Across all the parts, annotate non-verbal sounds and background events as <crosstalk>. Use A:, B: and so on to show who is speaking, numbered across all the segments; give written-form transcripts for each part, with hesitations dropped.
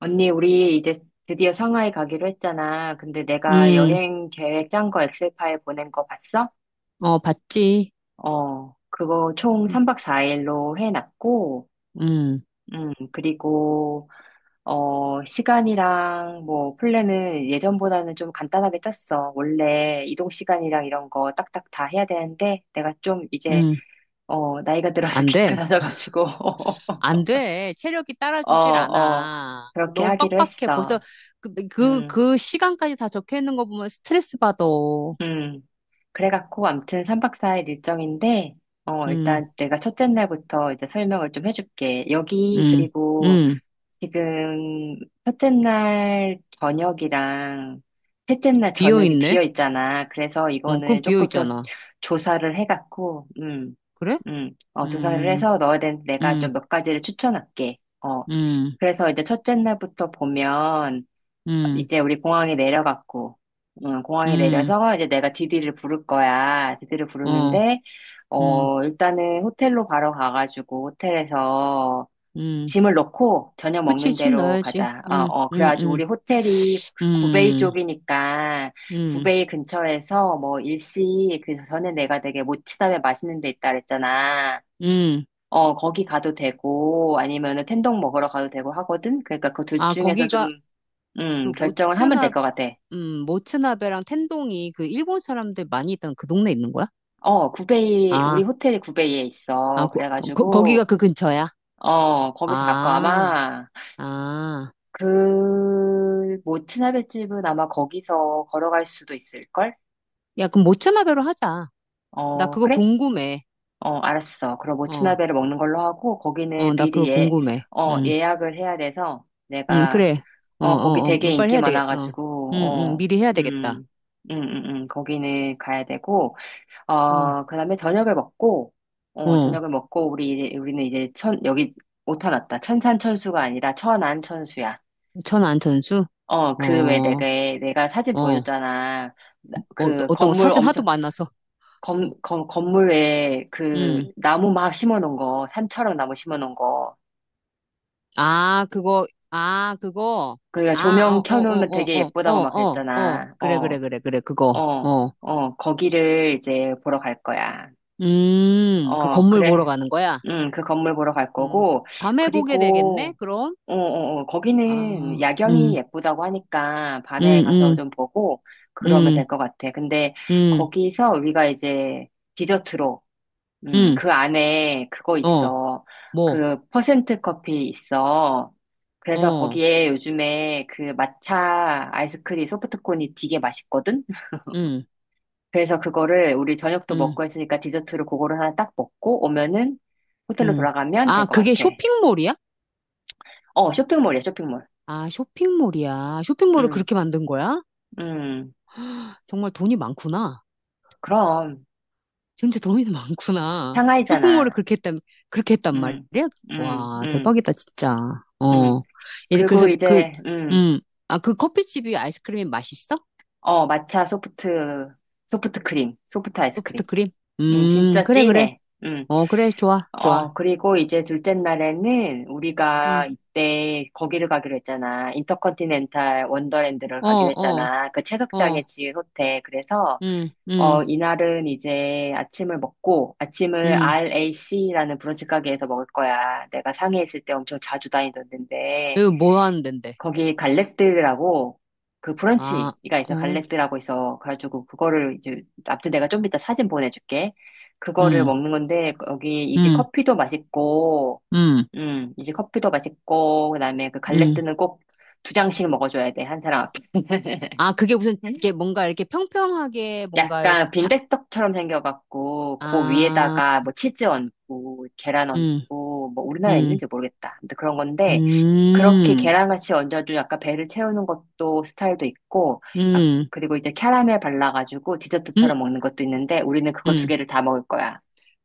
A: 언니, 우리 이제 드디어 상하이 가기로 했잖아. 근데 내가
B: 음,
A: 여행 계획 짠 거 엑셀 파일 보낸 거 봤어?
B: 어, 봤지.
A: 그거 총 3박 4일로 해놨고,
B: 음,
A: 음, 그리고, 시간이랑 뭐, 플랜은 예전보다는 좀 간단하게 짰어. 원래 이동 시간이랑 이런 거 딱딱 다 해야 되는데, 내가 좀 이제,
B: 음,
A: 나이가 들어서
B: 안 돼.
A: <laughs> 귀찮아져가지고, <laughs>
B: 안 돼. 체력이
A: 어,
B: 따라주질
A: 어,
B: 않아.
A: 그렇게
B: 너무
A: 하기로
B: 빡빡해. 벌써
A: 했어.
B: 그, 그,
A: 음.
B: 그 시간까지 다 적혀 있는 거 보면 스트레스 받아.
A: 음. 그래갖고, 암튼 3박 4일 일정인데,
B: 음,
A: 일단 내가 첫째 날부터 이제 설명을 좀 해줄게. 여기,
B: 음,
A: 그리고
B: 음.
A: 지금 첫째 날 저녁이랑 셋째 날
B: 비어
A: 저녁이
B: 있네?
A: 비어 있잖아. 그래서
B: 어, 그럼
A: 이거는
B: 비어
A: 조금 더
B: 있잖아.
A: 조사를 해갖고,
B: 그래?
A: 조사를
B: 음,
A: 해서 넣어야 되는데 내가
B: 음,
A: 좀 몇 가지를 추천할게.
B: 음,
A: 그래서 이제 첫째 날부터 보면,
B: 음,
A: 이제 우리 공항에 내려갔고, 응, 공항에
B: 음,
A: 내려서 이제 내가 디디를 부를 거야. 디디를
B: 어,
A: 부르는데,
B: 음,
A: 일단은 호텔로 바로 가가지고 호텔에서
B: 음.
A: 짐을 넣고 저녁
B: 그치,
A: 먹는
B: 집
A: 대로
B: 넣어야지.
A: 가자. 그래가지고 우리 호텔이 구베이
B: 음,
A: 쪽이니까
B: 음,
A: 구베이 근처에서 뭐 일시, 그 전에 내가 되게 모츠담에 맛있는 데 있다 그랬잖아.
B: 음.
A: 거기 가도 되고, 아니면은 텐동 먹으러 가도 되고 하거든? 그러니까 그 둘
B: 아,
A: 중에서
B: 거기가,
A: 좀
B: 그
A: 결정을 하면
B: 모츠나
A: 될 것 같아.
B: 모츠나베랑 텐동이 그 일본 사람들 많이 있던 그 동네 있는 거야?
A: 어, 구베이,
B: 아,
A: 우리 호텔이 구베이에
B: 아,
A: 있어.
B: 거, 거, 거기가
A: 그래가지고,
B: 그 근처야?
A: 어, 거기서 가까
B: 아,
A: 아마,
B: 아,
A: 그, 모츠나베 집은 아마 거기서 걸어갈 수도 있을걸?
B: 야, 그럼 모츠나베로 하자. 나
A: 어,
B: 그거
A: 그래?
B: 궁금해.
A: 어, 알았어. 그럼
B: 어,
A: 모츠나베를 먹는 걸로 하고,
B: 어,
A: 거기는
B: 나 그거
A: 미리 예,
B: 궁금해. 응,
A: 예약을 해야 돼서,
B: 응
A: 내가,
B: 그래. 어,
A: 어, 거기
B: 어, 어,
A: 되게
B: 뭐 빨리
A: 인기
B: 해야 되겠다. 어,
A: 많아가지고,
B: 응 응, 미리 해야 되겠다.
A: 음, 거기는 가야 되고,
B: 응
A: 그 다음에 저녁을 먹고,
B: 어,
A: 저녁을 먹고, 우리, 우리는 이제 천, 여기 오타났다. 천산천수가 아니라 천안천수야.
B: 천안 천수?
A: 어,
B: 어,
A: 그 왜 내가,
B: 어,
A: 내가 사진 보여줬잖아.
B: 어,
A: 그
B: 어떤 거
A: 건물
B: 사진 하도
A: 엄청,
B: 많아서.
A: 건물
B: 응
A: 에그 나무 막 심어 놓은 거, 산처럼 나무 심어 놓은 거.
B: 아, 그거, 아, 그거,
A: 그러니까
B: 아,
A: 조명
B: 어, 어,
A: 켜놓으면
B: 어,
A: 되게
B: 어, 어,
A: 예쁘다고 막
B: 어, 어, 어,
A: 그랬잖아.
B: 그래, 그래, 그래, 그래, 그거,
A: 어,
B: 어,
A: 거기를 이제 보러 갈 거야.
B: 그
A: 어,
B: 건물 보러
A: 그래.
B: 가는 거야?
A: 응, 그 건물 보러 갈
B: 음,
A: 거고,
B: 밤에 보게 되겠네,
A: 그리고,
B: 그럼?
A: 거기는
B: 아,
A: 야경이 예쁘다고 하니까
B: 음,
A: 밤에 가서
B: 음,
A: 좀 보고 그러면 될
B: 음,
A: 것 같아. 근데
B: 음,
A: 거기서 우리가 이제 디저트로,
B: 음,
A: 그 안에 그거
B: 어,
A: 있어.
B: 뭐,
A: 그 퍼센트 커피 있어. 그래서
B: 어,
A: 거기에 요즘에 그 마차 아이스크림 소프트콘이 되게 맛있거든? <laughs>
B: 음,
A: 그래서 그거를 우리 저녁도
B: 음,
A: 먹고 했으니까 디저트로 그거를 하나 딱 먹고 오면은 호텔로
B: 음.
A: 돌아가면 될
B: 아,
A: 것
B: 그게
A: 같아.
B: 쇼핑몰이야?
A: 어, 쇼핑몰이야, 쇼핑몰.
B: 아, 쇼핑몰이야. 쇼핑몰을
A: 음,
B: 그렇게 만든 거야?
A: 음.
B: 정말 돈이 많구나.
A: 그럼
B: 진짜 범인이 많구나. 쇼핑몰을
A: 상하이잖아.
B: 그렇게 했단, 그렇게 했단
A: 응,
B: 말이야?
A: 응,
B: 와,
A: 응,
B: 대박이다, 진짜.
A: 응.
B: 어. 얘
A: 그리고
B: 그래서 그,
A: 이제 응,
B: 음, 아, 그 커피집이 아이스크림이 맛있어?
A: 어 마차 소프트 소프트 크림, 소프트 아이스크림.
B: 소프트 크림?
A: 응, 진짜
B: 그래, 그래.
A: 찐해. 응.
B: 어, 그래, 좋아, 좋아.
A: 어 그리고 이제 둘째 날에는 우리가
B: 음,
A: 이때 거기를 가기로 했잖아. 인터컨티넨탈 원더랜드를
B: 어,
A: 가기로
B: 어,
A: 했잖아. 그 채석장에
B: 어,
A: 지은 호텔. 그래서
B: 음, 음,
A: 이날은 이제 아침을 먹고, 아침을
B: 음.
A: RAC라는 브런치 가게에서 먹을 거야. 내가 상해 있을 때 엄청 자주 다니던 데인데,
B: 여기 뭐 하는 데인데?
A: 거기 갈렉드라고, 그
B: 아,
A: 브런치가 있어.
B: 어,
A: 갈렉드라고 있어. 그래가지고, 그거를 이제, 아무튼 내가 좀 이따 사진 보내줄게. 그거를
B: 음,
A: 먹는 건데, 거기 이제
B: 음,
A: 커피도 맛있고,
B: 음,
A: 이제 커피도 맛있고, 그다음에 그
B: 음.
A: 갈렉드는 꼭 두 장씩 먹어줘야 돼. 한 사람 앞에.
B: 아, 그게 무슨, 이게
A: <laughs>
B: 뭔가 이렇게 평평하게 뭔가,
A: 약간
B: 자,
A: 빈대떡처럼 생겨갖고 그
B: 아,
A: 위에다가 뭐 치즈 얹고 계란
B: 음.
A: 얹고 뭐 우리나라에
B: 음.
A: 있는지 모르겠다. 근데 그런 건데 그렇게
B: 음,
A: 계란같이 얹어도 약간 배를 채우는 것도 스타일도 있고 아,
B: 음,
A: 그리고 이제 캐러멜 발라가지고
B: 음,
A: 디저트처럼 먹는 것도 있는데 우리는 그거 두
B: 음.
A: 개를 다 먹을 거야.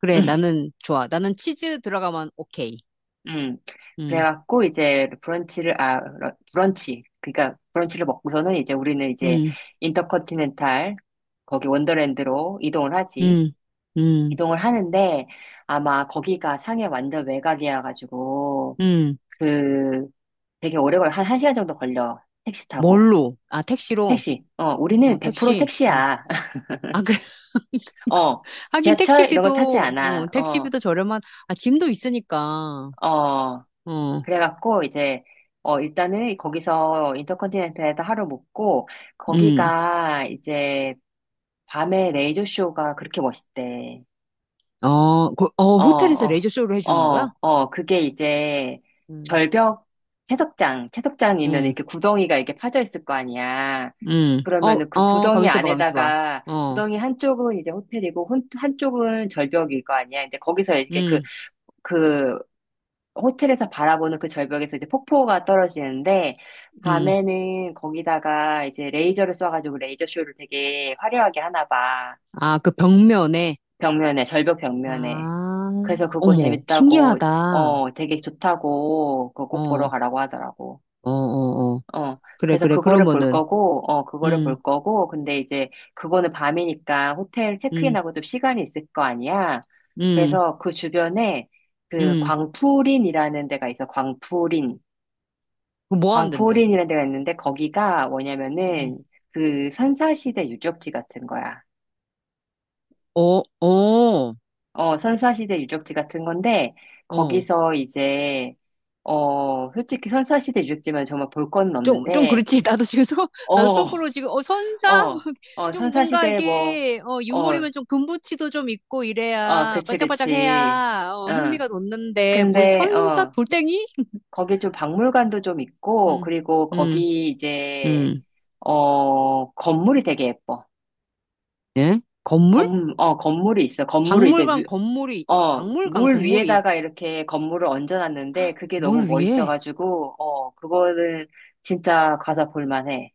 B: 그래,
A: 음,
B: 나는 좋아. 나는 치즈 들어가면 오케이.
A: 음.
B: 음,
A: 그래갖고 이제 브런치 그러니까 브런치를 먹고서는 이제 우리는 이제
B: 음,
A: 인터컨티넨탈 거기 원더랜드로 이동을 하지.
B: 음, 음,
A: 이동을 하는데 아마 거기가 상해 완전 외곽이어 가지고
B: 음.
A: 그 되게 오래 걸려. 한 1시간 정도 걸려. 택시 타고.
B: 뭘로? 아, 택시로?
A: 택시. 어,
B: 어,
A: 우리는 100%
B: 택시. 음.
A: 택시야.
B: 아, 그래. <laughs>
A: <laughs> 어,
B: 하긴
A: 지하철 이런 거 타지
B: 택시비도,
A: 않아.
B: 어,
A: 어,
B: 택시비도 저렴한, 아, 짐도 있으니까.
A: 어.
B: 어,
A: 그래갖고 이제 일단은 거기서 인터컨티넨탈에서 하루 묵고
B: 음.
A: 거기가 이제 밤에 레이저 쇼가 그렇게 멋있대.
B: 어, 그, 어,
A: 어,
B: 호텔에서
A: 어,
B: 레이저쇼를 해주는 거야?
A: 그게 이제
B: 음,
A: 절벽 채석장이면
B: 음,
A: 이렇게 구덩이가 이렇게 파져 있을 거 아니야.
B: 어,
A: 그러면은 그
B: 어,
A: 구덩이
B: 가만있어 봐, 가만있어 봐.
A: 안에다가
B: 어,
A: 구덩이 한쪽은 이제 호텔이고 한쪽은 절벽일 거 아니야. 근데 거기서 이렇게 그,
B: 음,
A: 그 호텔에서 바라보는 그 절벽에서 이제 폭포가 떨어지는데
B: 음.
A: 밤에는 거기다가 이제 레이저를 쏴가지고 레이저 쇼를 되게 화려하게 하나 봐.
B: 아, 그 벽면에.
A: 벽면에, 절벽 벽면에.
B: 아,
A: 그래서 그거
B: 어머,
A: 재밌다고,
B: 신기하다.
A: 어, 되게 좋다고, 그거
B: 어,
A: 꼭 보러
B: 어,
A: 가라고 하더라고.
B: 어, 어.
A: 어,
B: 그래,
A: 그래서
B: 그래.
A: 그거를 볼
B: 그러면은,
A: 거고, 어, 그거를
B: 음,
A: 볼 거고, 근데 이제 그거는 밤이니까 호텔
B: 음,
A: 체크인하고 좀 시간이 있을 거 아니야.
B: 음,
A: 그래서 그 주변에 그
B: 음.
A: 광푸린이라는 데가 있어, 광푸린.
B: 그거 뭐 하는데?
A: 광푸린이라는 데가 있는데 거기가
B: 음.
A: 뭐냐면은 그 선사시대 유적지 같은 거야.
B: 어, 어,
A: 어, 선사시대 유적지 같은 건데,
B: 어.
A: 거기서 이제, 어, 솔직히 선사시대 유적지만 정말 볼 건
B: 좀, 좀
A: 없는데,
B: 그렇지. <laughs> 나도 지금 속, 나도
A: 어,
B: 속으로 지금, 어, 선사?
A: 어,
B: <laughs> 좀 뭔가
A: 선사시대 뭐,
B: 이게, 어,
A: 어,
B: 유물이면 좀 금붙이도 좀 있고 이래야,
A: 그치,
B: 반짝반짝
A: 그치.
B: 해야, 어,
A: 응.
B: 흥미가 돋는데, 뭘
A: 근데,
B: 선사?
A: 어,
B: 돌덩이?
A: 거기 좀 박물관도 좀 있고,
B: 음,
A: 그리고
B: 음,
A: 거기 이제,
B: 음.
A: 어, 건물이 되게 예뻐.
B: 예? 건물?
A: 건물이 있어.
B: 박물관 건물이,
A: 어,
B: 박물관
A: 물
B: 건물이
A: 위에다가 이렇게 건물을 얹어놨는데 그게 너무
B: 물 위에?
A: 멋있어가지고, 어, 그거는 진짜 가서 볼만해.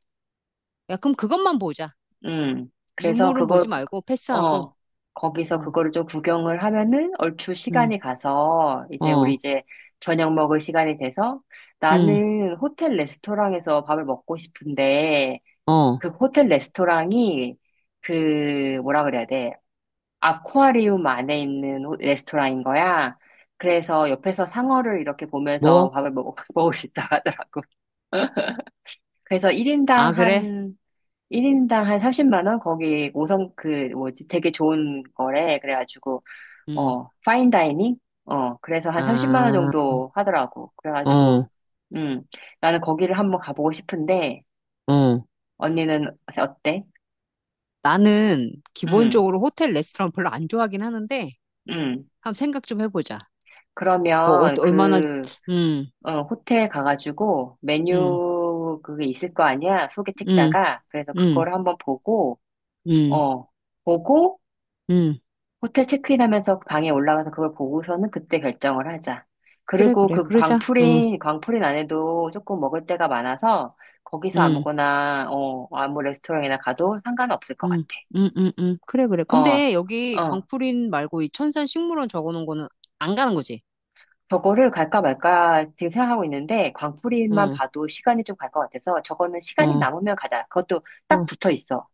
B: 야, 그럼 그것만 보자.
A: 음. 그래서
B: 유물은 보지
A: 그거,
B: 말고 패스하고.
A: 어, 거기서
B: 응,
A: 그거를 좀 구경을 하면은 얼추
B: 응,
A: 시간이 가서 이제 우리
B: 어,
A: 이제 저녁 먹을 시간이 돼서
B: 응,
A: 나는 호텔 레스토랑에서 밥을 먹고 싶은데
B: 어,
A: 그 호텔 레스토랑이 그 뭐라 그래야 돼? 아쿠아리움 안에 있는 레스토랑인 거야. 그래서 옆에서 상어를 이렇게 보면서
B: 뭐?
A: 밥을 먹, <laughs> 먹을 수 있다고 하더라고. <laughs> 그래서 1인당
B: 아, 그래?
A: 한, 일인당 한 30만 원? 거기 5성, 그, 뭐지, 되게 좋은 거래. 그래가지고,
B: 응,
A: 어, 파인 다이닝? 어, 그래서 한 30만 원
B: 아,
A: 정도 하더라고. 그래가지고,
B: 어,
A: 음, 나는 거기를 한번 가보고 싶은데,
B: 어.
A: 언니는 어때?
B: 나는
A: 음,
B: 기본적으로 호텔 레스토랑 별로 안 좋아하긴 하는데,
A: 음.
B: 한번 생각 좀 해보자. 어, 어,
A: 그러면
B: 얼마나,
A: 그,
B: 응,
A: 호텔 가가지고
B: 응,
A: 메뉴 그게 있을 거 아니야? 소개
B: 응,
A: 책자가. 그래서
B: 응,
A: 그거를 한번 보고,
B: 응,
A: 어, 보고
B: 응.
A: 호텔 체크인하면서 방에 올라가서 그걸 보고서는 그때 결정을 하자.
B: 그래,
A: 그리고
B: 그래,
A: 그
B: 그러자. 응,
A: 광프린, 광프린 안에도 조금 먹을 데가 많아서 거기서
B: 응.
A: 아무거나, 어, 아무 레스토랑이나 가도 상관없을 것 같아.
B: 음, 그래, 그래.
A: 어,
B: 근데 여기
A: 어.
B: 광풀인 말고 이 천산 식물원 적어 놓은 거는 안 가는 거지?
A: 저거를 갈까 말까 지금 생각하고 있는데 광프린만
B: 응,
A: 봐도 시간이 좀 갈 것 같아서 저거는 시간이
B: 어,
A: 남으면 가자. 그것도 딱
B: 어.
A: 붙어 있어.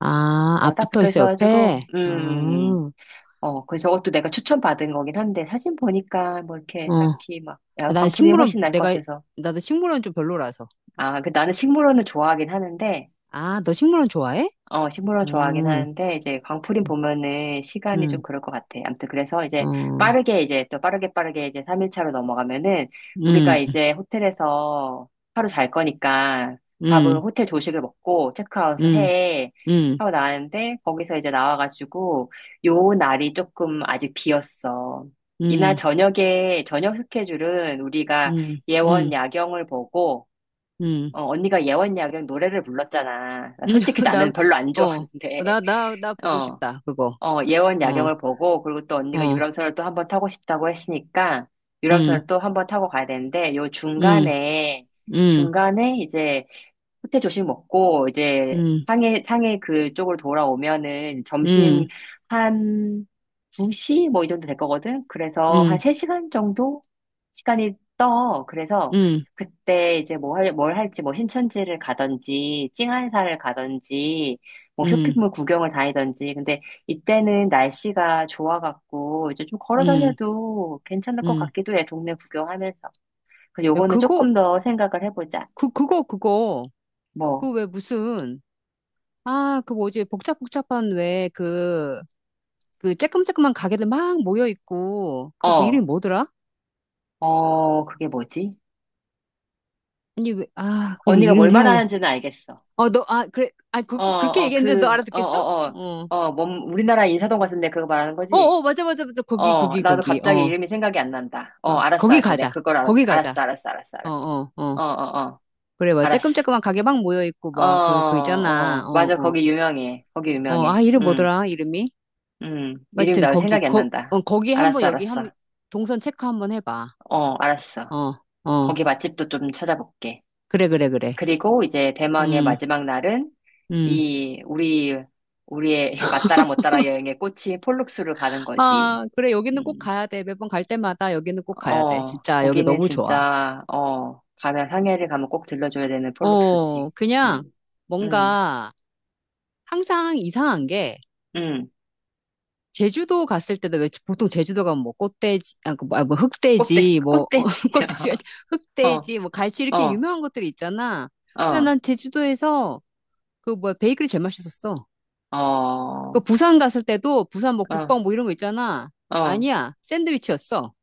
B: 아, 아,
A: 어, 딱
B: 붙어
A: 붙어
B: 있어, 옆에?
A: 있어가지고,
B: 어, 어.
A: 어, 그 저것도 내가 추천받은 거긴 한데, 사진 보니까 뭐 이렇게 딱히 막,
B: 아,
A: 야,
B: 난
A: 광풀이
B: 식물원,
A: 훨씬 날 것
B: 내가,
A: 같아서.
B: 나도 식물원 좀 별로라서.
A: 아, 그 나는 식물원을 좋아하긴 하는데,
B: 아, 너 식물원 좋아해?
A: 어, 식물원 좋아하긴
B: 응
A: 하는데, 이제 광풀이 보면은 시간이 좀
B: 응
A: 그럴 것 같아. 아무튼 그래서 이제
B: 어,
A: 빠르게 이제 또 빠르게 이제 3일차로 넘어가면은 우리가
B: 응 응
A: 이제 호텔에서 하루 잘 거니까 밥은
B: 응
A: 호텔 조식을 먹고 체크아웃을
B: 응
A: 해.
B: 응
A: 하고 나왔는데 거기서 이제 나와가지고 요 날이 조금 아직 비었어.
B: 응
A: 이날 저녁에, 저녁 스케줄은 우리가 예원
B: 응
A: 야경을 보고
B: 응
A: 어, 언니가 예원야경 노래를 불렀잖아. 나 솔직히
B: <laughs>
A: 나는
B: 나,
A: 별로 안
B: 어,
A: 좋아하는데,
B: 나, 나, 나
A: <laughs>
B: 보고
A: 어,
B: 싶다, 그거.
A: 예원
B: 어,
A: 야경을 보고, 그리고 또 언니가
B: 어,
A: 유람선을 또 한번 타고 싶다고 했으니까,
B: 응
A: 유람선을 또 한번 타고 가야 되는데, 요
B: 응
A: 중간에,
B: 음,
A: 중간에 이제 호텔 조식 먹고 이제
B: 음,
A: 상해 그쪽으로 돌아오면은
B: 음,
A: 점심 한 2시 뭐 이 정도 될 거거든. 그래서 한
B: 음,
A: 3시간 정도 시간이 떠. 그래서
B: 음,
A: 그때 이제 뭐 할, 뭘 할지 뭐 신천지를 가든지 찡한사를 가든지 뭐
B: 음,
A: 쇼핑몰 구경을 다니든지 근데 이때는 날씨가 좋아갖고 이제 좀 걸어
B: 음,
A: 다녀도 괜찮을 것
B: 음.
A: 같기도 해. 동네 구경하면서. 근데
B: 야,
A: 요거는
B: 그거,
A: 조금 더 생각을 해보자.
B: 그, 그거, 그거.
A: 뭐
B: 그 왜 무슨, 아, 그 뭐지, 복잡복잡한 왜 그, 그 쬐끔쬐끔한 가게들 막 모여있고, 그 뭐 이름이
A: 어.
B: 뭐더라?
A: 어, 그게 뭐지?
B: 아니, 왜, 아, 그
A: 언니가
B: 이름
A: 뭘
B: 생각해.
A: 말하는지는 알겠어.
B: 어, 너, 아, 그래, 아, 그,
A: 어,
B: 그- 그렇게
A: 어,
B: 얘기했는데 너
A: 그, 어,
B: 알아듣겠어?
A: 어,
B: 어.
A: 우리나라 인사동 같은데 그거 말하는
B: 어,
A: 거지?
B: 어, 맞아, 맞아, 맞아. 거기,
A: 어,
B: 거기,
A: 나도
B: 거기.
A: 갑자기
B: 어,
A: 이름이 생각이 안 난다. 어,
B: 어.
A: 알았어,
B: 거기
A: 알았어. 내가
B: 가자.
A: 그걸 알았,
B: 거기 가자.
A: 알았어, 알았어, 알았어,
B: 어,
A: 알았어.
B: 어, 어.
A: 어, 어, 어,
B: 그래, 막
A: 알았어.
B: 쬐끔쬐끔한 가게 막 모여있고,
A: 어,
B: 막, 그, 그 있잖아.
A: 어,
B: 어,
A: 맞아.
B: 어.
A: 거기 유명해. 거기
B: 어, 아,
A: 유명해.
B: 이름
A: 응,
B: 뭐더라, 이름이?
A: 응. 이름이
B: 하여튼,
A: 나
B: 거기,
A: 생각이 안
B: 거,
A: 난다.
B: 어, 거기 한 번,
A: 알았어,
B: 여기 한
A: 알았어.
B: 번, 동선 체크 한번 해봐.
A: 어, 알았어.
B: 어, 어,
A: 거기 맛집도 좀 찾아볼게.
B: 그래, 그래, 그래.
A: 그리고 이제 대망의
B: 음,
A: 마지막 날은
B: 음.
A: 이 우리 우리의 <laughs> 맞다라 못다라 여행의 꽃이 폴룩스를 가는 거지.
B: 아, 그래, 여기는 꼭
A: 음,
B: 가야 돼. 매번 갈 때마다 여기는 꼭 가야 돼.
A: 어,
B: 진짜, 여기
A: 거기는
B: 너무 좋아.
A: 진짜 어 가면 항해를 가면 꼭 들러줘야 되는 폴룩스지.
B: 어, 그냥,
A: 음, 음,
B: 뭔가, 항상 이상한 게,
A: 음,
B: 제주도 갔을 때도 왜 보통 제주도 가면 뭐 꽃돼지 아, 그 뭐, 아, 뭐
A: 꽃대,
B: 흑돼지 뭐 <laughs> 어,
A: 꽃대지.
B: 꽃돼지 아니,
A: <laughs> 어,
B: 흑돼지 뭐 갈치 이렇게
A: 어,
B: 유명한 것들이 있잖아. 근데
A: 어,
B: 난 제주도에서 그 뭐야 베이글이 제일 맛있었어.
A: 어,
B: 그 부산 갔을 때도 부산 뭐
A: 어,
B: 국밥 뭐 이런 거 있잖아.
A: 어.
B: 아니야 샌드위치였어.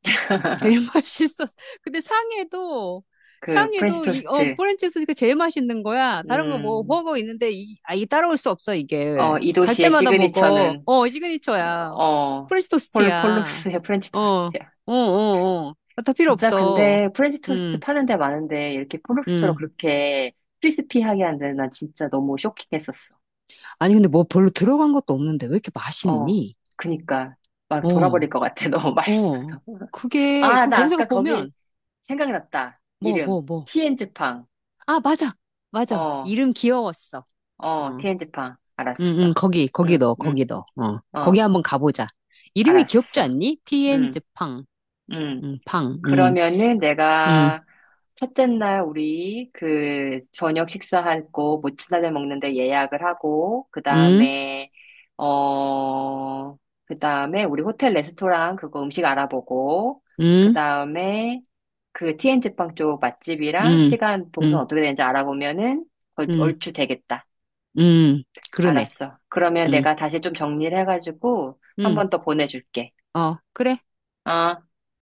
B: 제일 <laughs>
A: <laughs>
B: 맛있었어. 근데 상해도
A: 그 프렌치
B: 상해도 이어
A: 토스트.
B: 프랜차이즈 그 제일 맛있는 거야. 다른 거 뭐
A: 음,
B: 먹어 있는데 이 아 이 따라올 수 없어 이게.
A: 어, 이
B: 갈
A: 도시의
B: 때마다 먹어.
A: 시그니처는
B: 어 시그니처야.
A: 어,
B: 프렌치
A: 폴
B: 토스트야.
A: 폴룩스의 프렌치
B: 어,
A: 토스트.
B: 어, 어, 어. 아, 다 필요
A: 진짜
B: 없어.
A: 근데 프렌치 토스트
B: 음,
A: 파는 데 많은데 이렇게 폴록스처럼
B: 음.
A: 그렇게 크리스피하게 한 데는 난 진짜 너무 쇼킹했었어.
B: 아니 근데 뭐 별로 들어간 것도 없는데 왜 이렇게
A: 어,
B: 맛있니?
A: 그니까 막 돌아버릴
B: 어.
A: 것 같아. <laughs> 너무 맛있어.
B: 어, 그게,
A: 아,
B: 그럼
A: 나
B: 거기서
A: 아까 거기
B: 보면,
A: 생각났다.
B: 뭐,
A: 이름.
B: 뭐, 뭐.
A: 티엔즈팡.
B: 아, 맞아, 맞아.
A: 어,
B: 이름 귀여웠어.
A: 어,
B: 어,
A: 티엔즈팡.
B: 응,
A: 알았어.
B: 응, 거기, 거기
A: 응,
B: 넣어, 거기
A: 응,
B: 넣어. 어, 거기
A: 어,
B: 한번 가보자. 이름이 귀엽지
A: 알았어.
B: 않니? 티엔즈
A: 응,
B: 팡.
A: 응.
B: 응, 팡, 응,
A: 그러면은
B: 응,
A: 내가 첫째 날 우리 그 저녁 식사하고 모츠나들 먹는데 예약을 하고
B: 응,
A: 그다음에 어 그다음에 우리 호텔 레스토랑 그거 음식 알아보고
B: 응,
A: 그다음에 그 t 엔 g 빵 쪽 맛집이랑
B: 응,
A: 시간 동선
B: 응,
A: 어떻게 되는지 알아보면은
B: 응,
A: 얼추 되겠다.
B: 응. 그러네.
A: 알았어. 그러면
B: 응,
A: 내가 다시 좀 정리를 해가지고 한
B: 응,
A: 번 더 보내줄게.
B: 어, 그래.
A: 어.